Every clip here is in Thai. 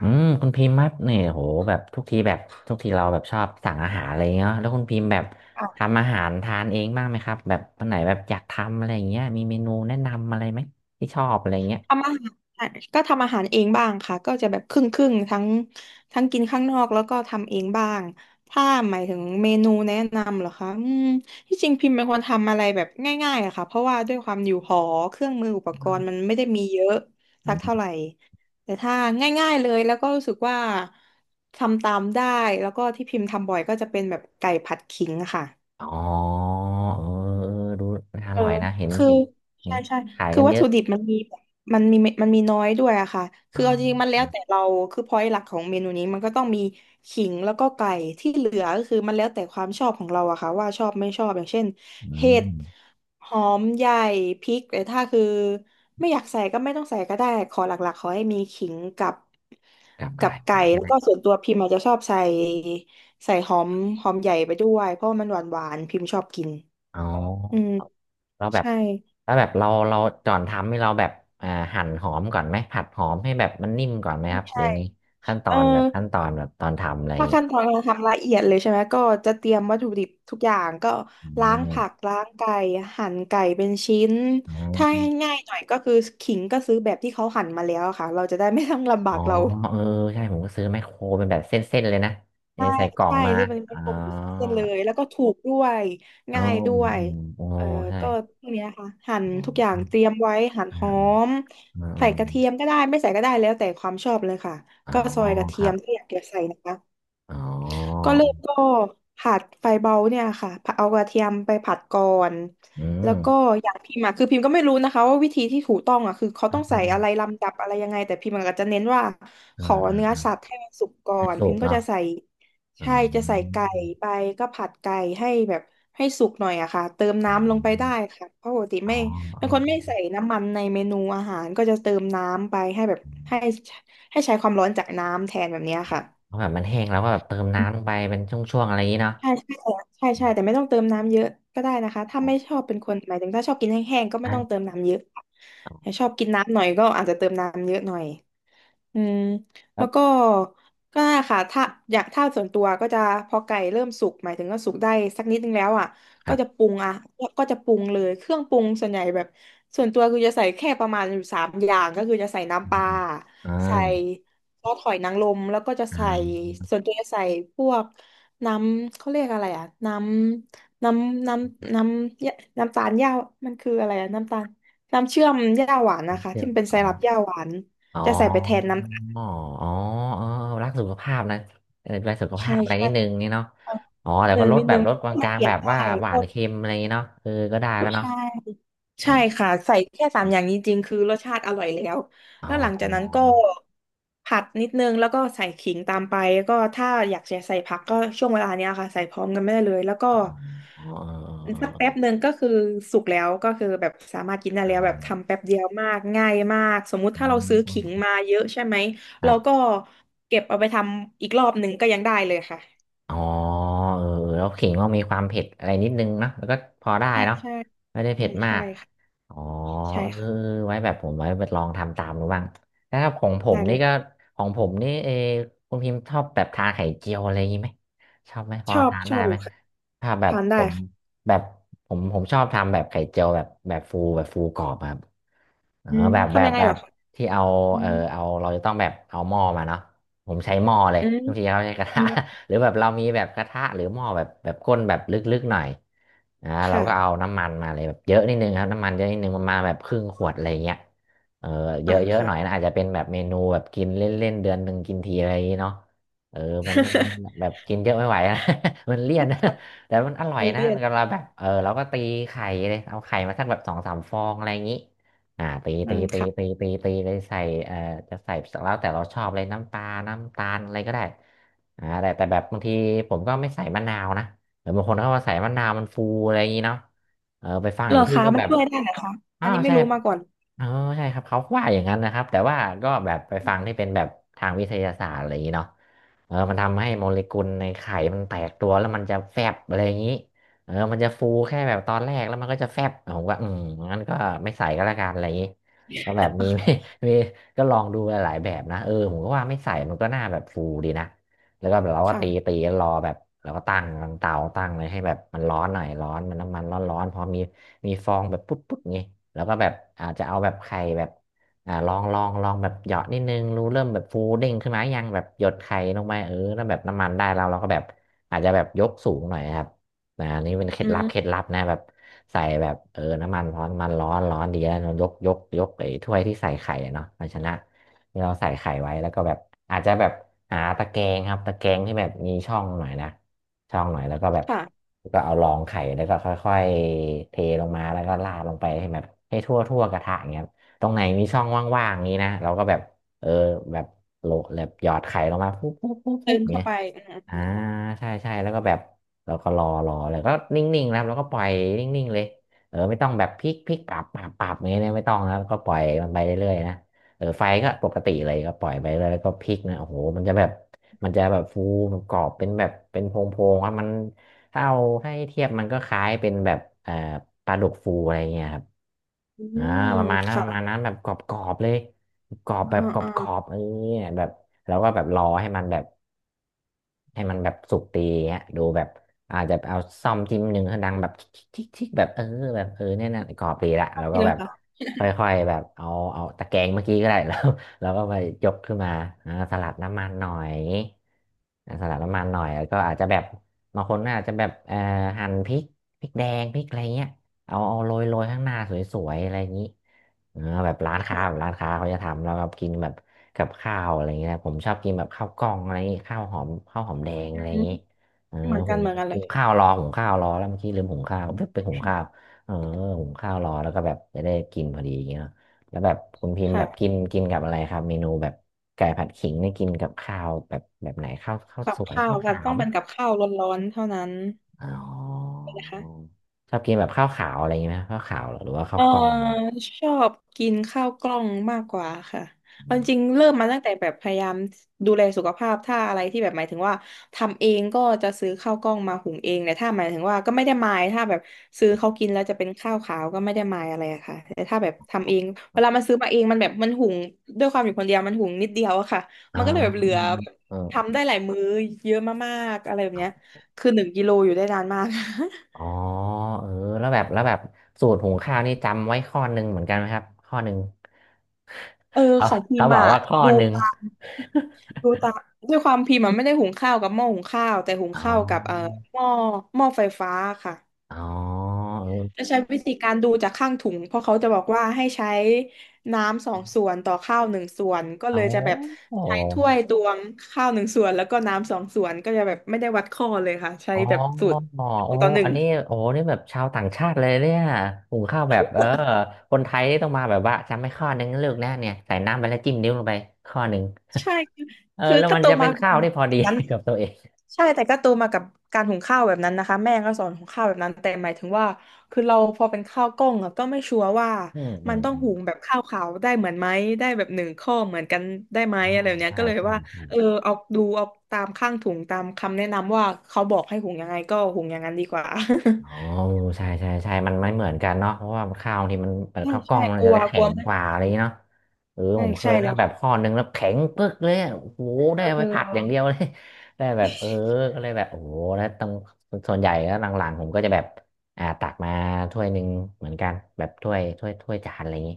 อืมคุณพิมพ์คัดเนี่ยโหแบบทุกทีแบบทุกทีเราแบบชอบสั่งอาหารอะไรเงี้ยแล้วคุณพิมพ์แบบค่ะทำอาหารทานเองบ้างไหมครับแบบวันไหนแบบอยากทำอะไรอย่างเงี้ยมีเมนูแนะนำอะไรไหมที่ชอบอะไรเงี้ยทำอาหารก็ทำอาหารเองบ้างค่ะก็จะแบบครึ่งครึ่งทั้งกินข้างนอกแล้วก็ทำเองบ้างถ้าหมายถึงเมนูแนะนำเหรอคะที่จริงพิมพ์เป็นคนทำอะไรแบบง่ายๆอะค่ะเพราะว่าด้วยความอยู่หอเครื่องมืออุปกรณ์มันไม่ได้มีเยอะสักอืเท่าไหมร่แต่ถ้าง่ายๆเลยแล้วก็รู้สึกว่าทำตามได้แล้วก็ที่พิมพ์ทำบ่อยก็จะเป็นแบบไก่ผัดขิงค่ะ อ๋อเออเออดูน่าอเออร่อยนะเห็นคือเห็นเห็ใช่นใช่ขายคือกันวัเยตอะถุดิบมันมีมันมีน้อยด้วยอะค่ะ อ๋คือเอาจริงๆมันแล้วอแต่เราคือพอยต์หลักของเมนูนี้มันก็ต้องมีขิงแล้วก็ไก่ที่เหลือก็คือมันแล้วแต่ความชอบของเราอะค่ะว่าชอบไม่ชอบ อย่างเช่นอืเห็มดหอมใหญ่พริกแต่ถ้าคือไม่อยากใส่ก็ไม่ต้องใส่ก็ได้ขอหลักๆขอให้มีขิงกับกลับกกัลาบยไก่เป็นใช่แล้ไหวมก็ส่วนตัวพิมอาจจะชอบใส่หอมหอมใหญ่ไปด้วยเพราะว่ามันหวานๆพิมชอบกินอ๋อือ มเราแบบใช่ ถ้าแบบเราก่อนทำให้เราแบบอ่าหั่นหอมก่อนไหมผัดหอมให้แบบมันนิ่มก่อนไหมครับหรืใช่ อไงขั้นตเอออนแบบขั้นตอนแบบตอนทำอะไรอย่างถ้างี้ขั้นตอนการทำละเอียดเลยใช่ไหม ก็จะเตรียมวัตถุดิบทุกอย่างก็อืล้างผักมล้างไก่หั่นไก่เป็นชิ้นอ๋ถ้าให้อง่ายๆหน่อยก็คือขิงก็ซื้อแบบที่เขาหั่นมาแล้วอะค่ะ เราจะได้ไม่ต้องลำบาอ๋อกเราเออใช่ผมก็ซื้อไมคโครเป็นแบบเส้นๆเลยนะเออใส่กล่องใช่ มาซื้อเป็นอ๋เป็อนโปรตีนเส้นเลยแล้วก็ถูกด้วย อ๋อง่ายด้วอืยมโอ้เออใช่ก็พวกเนี้ยค่ะหั่นอ๋อทุกอย่าอ๋งอเตรียมไว้หั่นอืหมอมอืมอืใส่กมระเทียมก็ได้ไม่ใส่ก็ได้แล้วแต่ความชอบเลยค่ะอ๋อก็ซอยกระคเทีรัยมบถ้าอยากจะใส่นะคะ อ๋อก็เริ่มก็ผัดไฟเบาเนี่ยค่ะผัดเอากระเทียมไปผัดก่อนอืแล้วมก็อย่างพิมพ์อะคือพิมพ์ก็ไม่รู้นะคะว่าวิธีที่ถูกต้องอะคือเขาอต้องืใส่มอะไรลำดับอะไรยังไงแต่พิมพ์ก็จะเน้นว่าขอ่าออ่าเนื้ออมสัตว์ให้มันสุกก่อให้นสุพิกมพ์ก็เนาะจะใส่อ่าใช่จะใส่ไก่ไปก็ผัดไก่ให้แบบให้สุกหน่อยอะค่ะเติมอ๋อ น้ำลงไปได้ค่ะเพราะปกติอ๋อไม่เอเป็นคนไม่อใส่น้ำมันในเมนูอาหารก็จะเติมน้ำไปให้แบบให้ให้ใช้ความร้อนจากน้ำแทนแบบเนี้ยค่ะ เพราะแบบมันแห้งแล้วก็แบบเติมน้ำลงไปเป็นช่วงๆอะไรอย่างนี้เนาะใช่ใช่ใช่ใช่แต่ไม่ต้องเติมน้ำเยอะก็ได้นะคะถ้าไม่ชอบเป็นคนหมายถึงถ้าชอบกินแห้งๆก็ไม่อ่ต้องเติามน้ำเยอะแต่อชอบกินน้ำหน่อยก็อาจจะเติมน้ำเยอะหน่อย อืมคแล้รัวก็บก็นั่นแหละค่ะถ้าอยากถ้าส่วนตัวก็จะพอไก่เริ่มสุกหมายถึงก็สุกได้สักนิดนึงแล้วอ่ะคก็รัจะบปรุงอ่ะก็จะปรุงเลยเครื่องปรุงส่วนใหญ่แบบส่วนตัวคือจะใส่แค่ประมาณอยู่สามอย่างก็คือจะใส่อืน้ำมปลาอืมอ่ใส่าซอสหอยนางรมแล้วก็จะอ่ใส่าส่วนตัวจะใส่พวกน้ำเขาเรียกอะไรอ่ะน้ำน้ำตาลหญ้ามันคืออะไรอ่ะน้ำตาลน้ำเชื่อมหญ้าหวานนะคะเชื่ยที่วมันเป็นอไซรัมปหญ้าหวาน อ๋อจะใส่ไปแทนน้อ๋ออ๋อเออรักสุขภาพนะเออดูแลสุขำภาใช่พอะไรใช่นิดนึงนี่เนาะเอาอ๋อนิดแต่นึก็งลดนิดแบนึบงลดกมันลางเปๆลี่ยแบนบได้ว่าหวาก็นเค็มอะไรอย่างนี้เนาะเออก็ได้แล้วเนาะใช่อ๋อใช่ค่ะใส่แค่สามอย่างนี้จริงคือรสชาติอร่อยแล้วอ๋แล้วหลังจากนั้นอก็ผัดนิดนึงแล้วก็ใส่ขิงตามไปแล้วก็ถ้าอยากจะใส่ผักก็ช่วงเวลาเนี้ยค่ะใส่พร้อมกันไม่ได้เลยแล้วก็อ๋ออ๋อสักแป๊บหนึ่งก็คือสุกแล้วก็คือแบบสามารถกินได้อ๋อแล้วอ๋ออ๋ออ๋แบบทำอแป๊บเดียวมากง่ายมากสมมุติถ้าเราซื้ออ๋ขิงอมาเยอะใช่ไหมคเรารัก็บ เก็บเอาไปทำอีกรอบหนึ่งก็ยังได้เลยค่ะ อ๋อเออแล้วขิงต้องมีความเผ็ดอะไรนิดนึงเนาะแล้วก็พอได้ใช่เนาะใช่ไม่ได้ใช่เผ็ดมาใช่กค่ะอ๋อใช่เออค่ะไว้แบบผมไว้ไปลองทำตามดูบ้างแล้วครับของผมได้เลนี่ยก็ของผมนี่เออคุณพิมพ์ชอบแบบทานไข่เจียวอะไรอย่างงี้ไหมชอบไหมพชออบทานชได้อบอไหมยู่ค่ะถ้าแบบทานผได้มค่ะแบบผมชอบทำแบบไข่เจียวแบบฟูแบบฟูกรอบอะครับเอออืมแบบแบทำบยังไงแบล่รบอคะที่เอาอืเออมเอาเราจะต้องแบบเอาหม้อมาเนาะผมใช้หม้อเลยอืมบางทีเขาใช้กระอืทะ มหรือแบบเรามีแบบกระทะหรือหม้อแบบก้นแบบลึกๆหน่อยอ่าเราก็เอาค่ะน้ำมันมาเลยแบบเยอะนิดนึงครับน้ำมันเยอะนิดนึงประมาณแบบครึ่งขวดอะไรเงี้ยเออเยอ่าอะเยอะหค่ะ น่อยนะอาจจะเป็นแบบเมนูแบบกินเล่นๆเดือนหนึ่งกินทีอะไรอย่างเงี้เนาะเออมันมันมัน แบบกินเยอะไม่ไหวนะ มันเลี่ยนแต่มันอร่อเอยอนะเรียนก็เราแบบเออเราก็ตีไข่เลยเอาไข่มาสักแบบสองสามฟองอะไรอย่างงี้อ่าตีอืตีมตีตีค่ะตีตีเลยใส่เอ่อจะใส่แล้วแต่เราชอบเลยน้ำปลาน้ำตาลอะไรก็ได้ อ่าแต่แบบบางทีผมก็ไม่ใส่มะนาวนะเดี๋ยวบางคนเขามาใส่มะนาวมันฟูอะไรอย่างนี้เนาะเออไปฟังเหรอีอกที่คะก็มัแบนบช่วยได้เหรอคะอัอ้านวนี้ไม่ใช่รู้มาก่อน เออใช่ครับเขาว่าอย่างนั้นนะครับแต่ว่าก็แบบไปฟังที่เป็นแบบทางวิทยาศาสตร์อะไรอย่างนี้เนาะเออมันทำให้โมเลกุลในไข่มันแตกตัวแล้วมันจะแฟบอะไรอย่างนี้เออมันจะฟูแค่แบบตอนแรกแล้วมันก็จะแฟบผมก็อืมงั้นก็ไม่ใส่ก็แล้วกันอะไรอย่างนี้ก็แบบมี มีก็ลองดูหลายๆแบบนะเออผมก็ว่าไม่ใส่มันก็น่าแบบฟูดีนะ แล้วก็แบบเรา ก็ตีตีค่ะรอแบบเราก็ตั้งเตาตั้งเลยให้แบบมันร้อนหน่อยร้อนมันน้ำมันร้อนพอมีฟองแบบปุ๊บปุ๊บงี้แล้วก็แบบอาจจะเอาแบบไข่แบบอ่าลองแบบหยอดนิดนึงรู้เริ่มแบบฟูเด้งขึ้นมายังแบบหยดไข่ลงไปเออแล้วแบบน้ำมันได้แล้วเราก็แบบอาจจะแบบยกสูงหน่อยครับนะอันนี่เป็นเคล็ดอืลับเคล็ดมลับนะแบบใส่แบบเออน้ำมันร้อนมันร้อนดีแล้วเรายกไอ้ถ้วยที่ใส่ไข่อะเนาะภาชนะ ที่เราใส่ไข่ไว้แล้วก็แบบอาจจะแบบหาตะแกรงครับตะแกรงที่แบบมีช่องหน่อยนะช่องหน่อยแล้วก็แบบค่ะก็เอารองไข่แล้วก็ค่อยๆเทลงมาแล้วก็ราดลงไปให้แบบให้ทั่วกระทะอย่างเงี้ยครับตรงไหนมีช่องว่างๆนี้นะเราก็แบบเออแบบโหลแบบหยอดไข่ลงมาปุ๊บปุ๊บปุ๊บปุ๊เติบมเข้าเงี้ย ไปอ่าใช่ใช่แล้วก็แบบเราก็รอรอแล้วก็นิ่งๆนะครับแล้วก็ปล่อยนิ่งๆเลยเออไม่ต้องแบบพลิกพลิกปรับปรับปรับอย่างเงี้ยนะไม่ต้องนะครับก็ปล่อยมันไปเรื่อยๆนะเออไฟก็ปกติเลยก็ปล่อยไปเรื่อยแล้วก็พลิกนะโอ้โหมันจะแบบมันจะแบบฟูแบบกรอบเป็นแบบเป็นโพงๆครับมันถ้าเอาให้เทียบมันก็คล้ายเป็นแบบปลาดุกฟูอะไรเงี้ยครับอืมอือ่ามประมาณนั้นปค่ะระมาณนั้นแบบกรอบๆเลยกรอบอืมแบบกค่ะรอ่าอ่าอบๆเออแบบแล้วก็แบบรอให้มันแบบ ให้มันแบบสุกดีเงี้ยดูแบบอาจจะเอาซ่อมจิ้มหนึ่งให้ดังแบบทิกทิกแบบเออแบบเออเนี่ยนะกรอบดีละแล้วทีก็แบละบค่ะค่อยๆแบบเอาเอาตะแกรงเมื่อกี้ก็ได้ แล้วแล้วก็ไปยกขึ้นมาอ่าสลัดน้ำมันหน่อยอ่าสลัดน้ำมันหน่อยแล้วก็อาจจะแบบบางคนอาจจะแบบหั่นพริกพริกแดงพริกอะไรเงี้ยเอาเอาโรยโรยข้างหน้าสวยๆอะไรอย่างนี้ เออแบบร้านค้าค่ะแบบร้านค้าเขาจะทำแล้วก็กินแบบกับข้าวอะไรเงี้ยผมชอบกินแบบข้าวกล้องอะไรเงี้ยข้าวหอมข้าวหอมแดงอือะไรมเงี้ยเออเหมือนกัหุนงเหมือนกันเลหุงยข้าวรอหุงข้าวรอแล้วเมื่อกี้ลืมหุงข้าวเพิ่งไปหุงข้าวเออหุงข้าวรอแล้วก็แบบจะได้กินพอดีอย่างเงี้ยเนอะแล้วแบบคุณพิมพ์แบค่ะบกินกินกับอะไรครับเมนูแบบไก่ผัดขิงนี่กินกับข้าวแบบแบบไหนข้าวข้าวกัสบวยข้าข้าววกันขาต้วองไหมเป็นกับข้าวร้อนๆเท่านั้นอ๋อนะคะ ชอบกินแบบข้าวขาวอะไรเงี้ยไหมข้าวขาวเหรอหรือว่าเอข้าวอกล้องอะไรอย่างงี้ชอบกินข้าวกล้องมากกว่าค่ะอืเอาจริงๆเริ่มมาตั้งแต่แบบพยายามดูแลสุขภาพถ้าอะไรที่แบบหมายถึงว่าทำเองก็จะซื้อข้าวกล้องมาหุงเองแต่ถ้าหมายถึงว่าก็ไม่ได้มายถ้าแบบซื้อเขากินแล้วจะเป็นข้าวขาวก็ไม่ได้มายอะไรอะค่ะแต่ถ้าแบบทำเองเวลาม มันซื้อมาเองมันแบบหุงด้วยความอยู่คนเดียวมันหุงนิดเดียวอะค่ะอ๋อมันก็เลยแบบเหลือือมแบบอเออทำได้หลายมื้อเยอะมากๆอะไรแบบอ๋เนี้ยอาคือ1 กิโลอยู่ได้นานมาก อ๋อเออแล้วแบบแล้วแบบสูตรหุงข้าวนี่จำไว้ข้อหนึ่งเหมือนกันไหมครับข้อหนึ่งเออเขาของพิเขามพ์บอกอะว่าข้อดูหนึ่ง ตาม ดูตามด้วยความพิมพ์มันไม่ได้หุงข้าวกับหม้อหุงข้าวแต่หุง อ๋อข้าวกับหม้อหม้อไฟฟ้าค่ะอ๋อเอจะอใช้วิธีการดูจากข้างถุงเพราะเขาจะบอกว่าให้ใช้น้ำ2 ส่วนต่อข้าว 1 ส่วนก็อ๋อเลยจะแบบอ๋ใช้ถ้วยตวงข้าวหนึ่งส่วนแล้วก็น้ำสองส่วนก็จะแบบไม่ได้วัดข้อเลยค่ะใช้อแบบสูตรโอ้สองต่อหนึ่อังนนี้โอ้นี่แบบชาวต่างชาติเลยเนี่ยหุงข้าวแบบเออคนไทยนี่ต้องมาแบบว่าจำไม่ข้อหนึ่งเลือกแน่เนี่ยใส่น้ำไปแล้วจิ้มนิ้วลงไปข้อหนึ่ง ใช่คือ เออคือแล้วถ้ามันโตจะมาเป็นแบข้าบวที่พอดี นั้น กับตัวเองใช่แต่ก็โตมากับการหุงข้าวแบบนั้นนะคะแม่ก็สอนหุงข้าวแบบนั้นแต่หมายถึงว่าคือเราพอเป็นข้าวกล้องอะก็ไม่ชัวร์ว่าอืมอืมันม ต้องหุงแบบข้าวขาวได้เหมือนไหมได้แบบหนึ่งข้อเหมือนกันได้ไหมอ๋ออะไรแบบเนี้ยใช่ก็เลยใช่ว่าใช่ เออเอาดูเอาตามข้างถุงตามคำแนะนำว่าเขาบอกให้หุงยังไงก็หุงอย่างนั้นดีกว่า อ๋อใช่ใช่ใช่มันไม่เหมือนกันเนาะเพราะว่าข้าวบางทีมันเปิ ดใช่ข้าวกล้อใช่งมักนลัจะวกแข็ลัวงไม่กว่าอะไรอย่างเงี้ยเนาะเออใช่ผมเคใช่ใช่ยแล้นะวแบบข้ค่ะอนึงแล้วแข็งปึ๊กเลยอะโอ้โหได้เอาเออไว้ผัดอย่างเดียวเลย ได้แบบเออก็เลยแบบโอ้โหแล้วต้องส่วนใหญ่แล้วหลังๆผมก็จะแบบอ่าตักมาถ้วยหนึ่งเหมือนกันแบบถ้วยถ้วยถ้วยจานอะไรอย่างงี้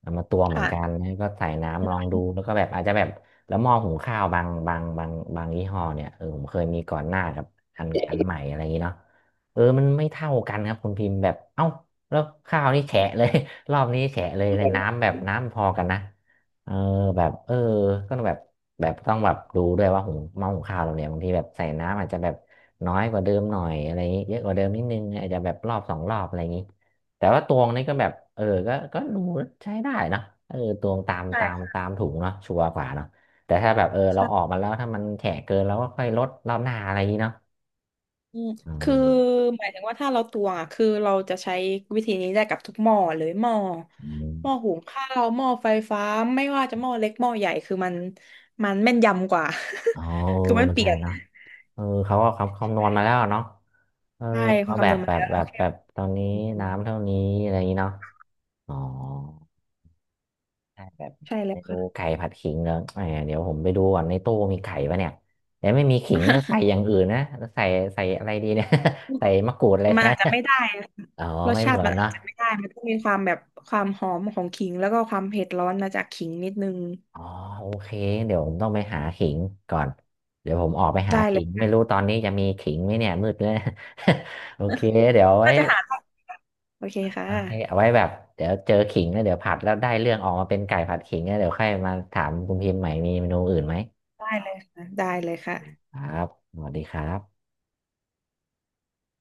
เอามาตวงเหมือนกันค่ะแล้วก็ใส่น้ำลองดูแล้วก็แบบอาจจะแบบแล้วหม้อหุงข้าวบางบางบางบางยี่ห้อเนี่ยเออผมเคยมีก่อนหน้ากับอันอันใหม่อะไรอย่างงี้เนาะ เออมันไม่เท่ากันครับคุณพิมพ์แบบเอ้าแล้วข้าวนี่แฉะเลย รอบนี้แฉะเลยเลยน้ำแบบน้ำพอกันนะเออแบบเออก็แบบแบบต้องแบบดูด้วยว่าหุงหม้อหุงข้าวเราเนี่ยบางทีแบบใส่น้ำอาจจะแบบน้อยกว่าเดิมหน่อยอะไรอย่างงี้เยอะกว่าเดิมนิดนึงอาจจะแบบรอบสองรอบอะไรอย่างงี้แต่ว่าตวงนี่ก็แบบเออก็ก็ดูใช้ได้นะเออตวงตามใช่ตามคตามถุงเนาะชัวร์กว่าเนาะแต่ถ้าแบบเออเราออก่ะ มาแล้วถ้ามันแฉะเกินเราก็ค่อยลดรอบหน้าอะไรอย่างงี้เนาะอืมอืคือมหมายถึงว่าถ้าเราตวงอ่ะคือเราจะใช้วิธีนี้ได้กับทุกหม้อเลยอืม หม้อหุงข้าวหม้อไฟฟ้าไม่ว่าจะหม้อเล็กหม้อใหญ่คือมันแม่นยำกว่า อ๋อ คือมันเปใช่ลี่ยนเนาะเออเขาก็คำคำนวณมาแล้วเนาะเออใช่ควาเขามแบคำนบวณมัแบนบแล้วแบเราบแค่แบบตอนนี้อืมน้ำเท่านี้อะไรอย่างนี้เนาะอ๋อใช่แบบใช่แล้เมวนูค่ะ ไก่ผัดขิงเหรอเออเดี๋ยวผมไปดูก่อนในตู้มีไก่ปะเนี่ยเดี๋ยวไม่มีขิงก็ใส่อย่างอื่นนะแล้วใส่ใส่อะไรดีเนี่ย ใส่ มะกรูดอะไรแทมันอาน จจะไม่ได้นะ อ๋อรสไม่ชาเหมืติอมันนเนาะอาจจะไม่ได้มันต้องมีความแบบความหอมของขิงแล้วก็ความเผ็ดร้อนมาจากขิงนิดนึงอ๋อโอเคเดี๋ยวผมต้องไปหาขิงก่อนเดี๋ยวผมออกไปหาได้เลขิย งไม่รู้ตอนนี้จะมีขิงไหมเนี่ยมืดเลย โอเคเดี๋ยว ไว้ น่าจะหาได้โอเคค่โอเคเอาะไว้แบบเดี๋ยวเจอขิงแล้วเดี๋ยวผัดแล้วได้เรื่องออกมาเป็นไก่ผัดขิงแล้วเดี๋ยวค่อยมาถามคุณพิมพ์ใหม่มีเมนูอื่นไหมได้เลยค่ะได้เลยค่ะครับสวัสดีครับ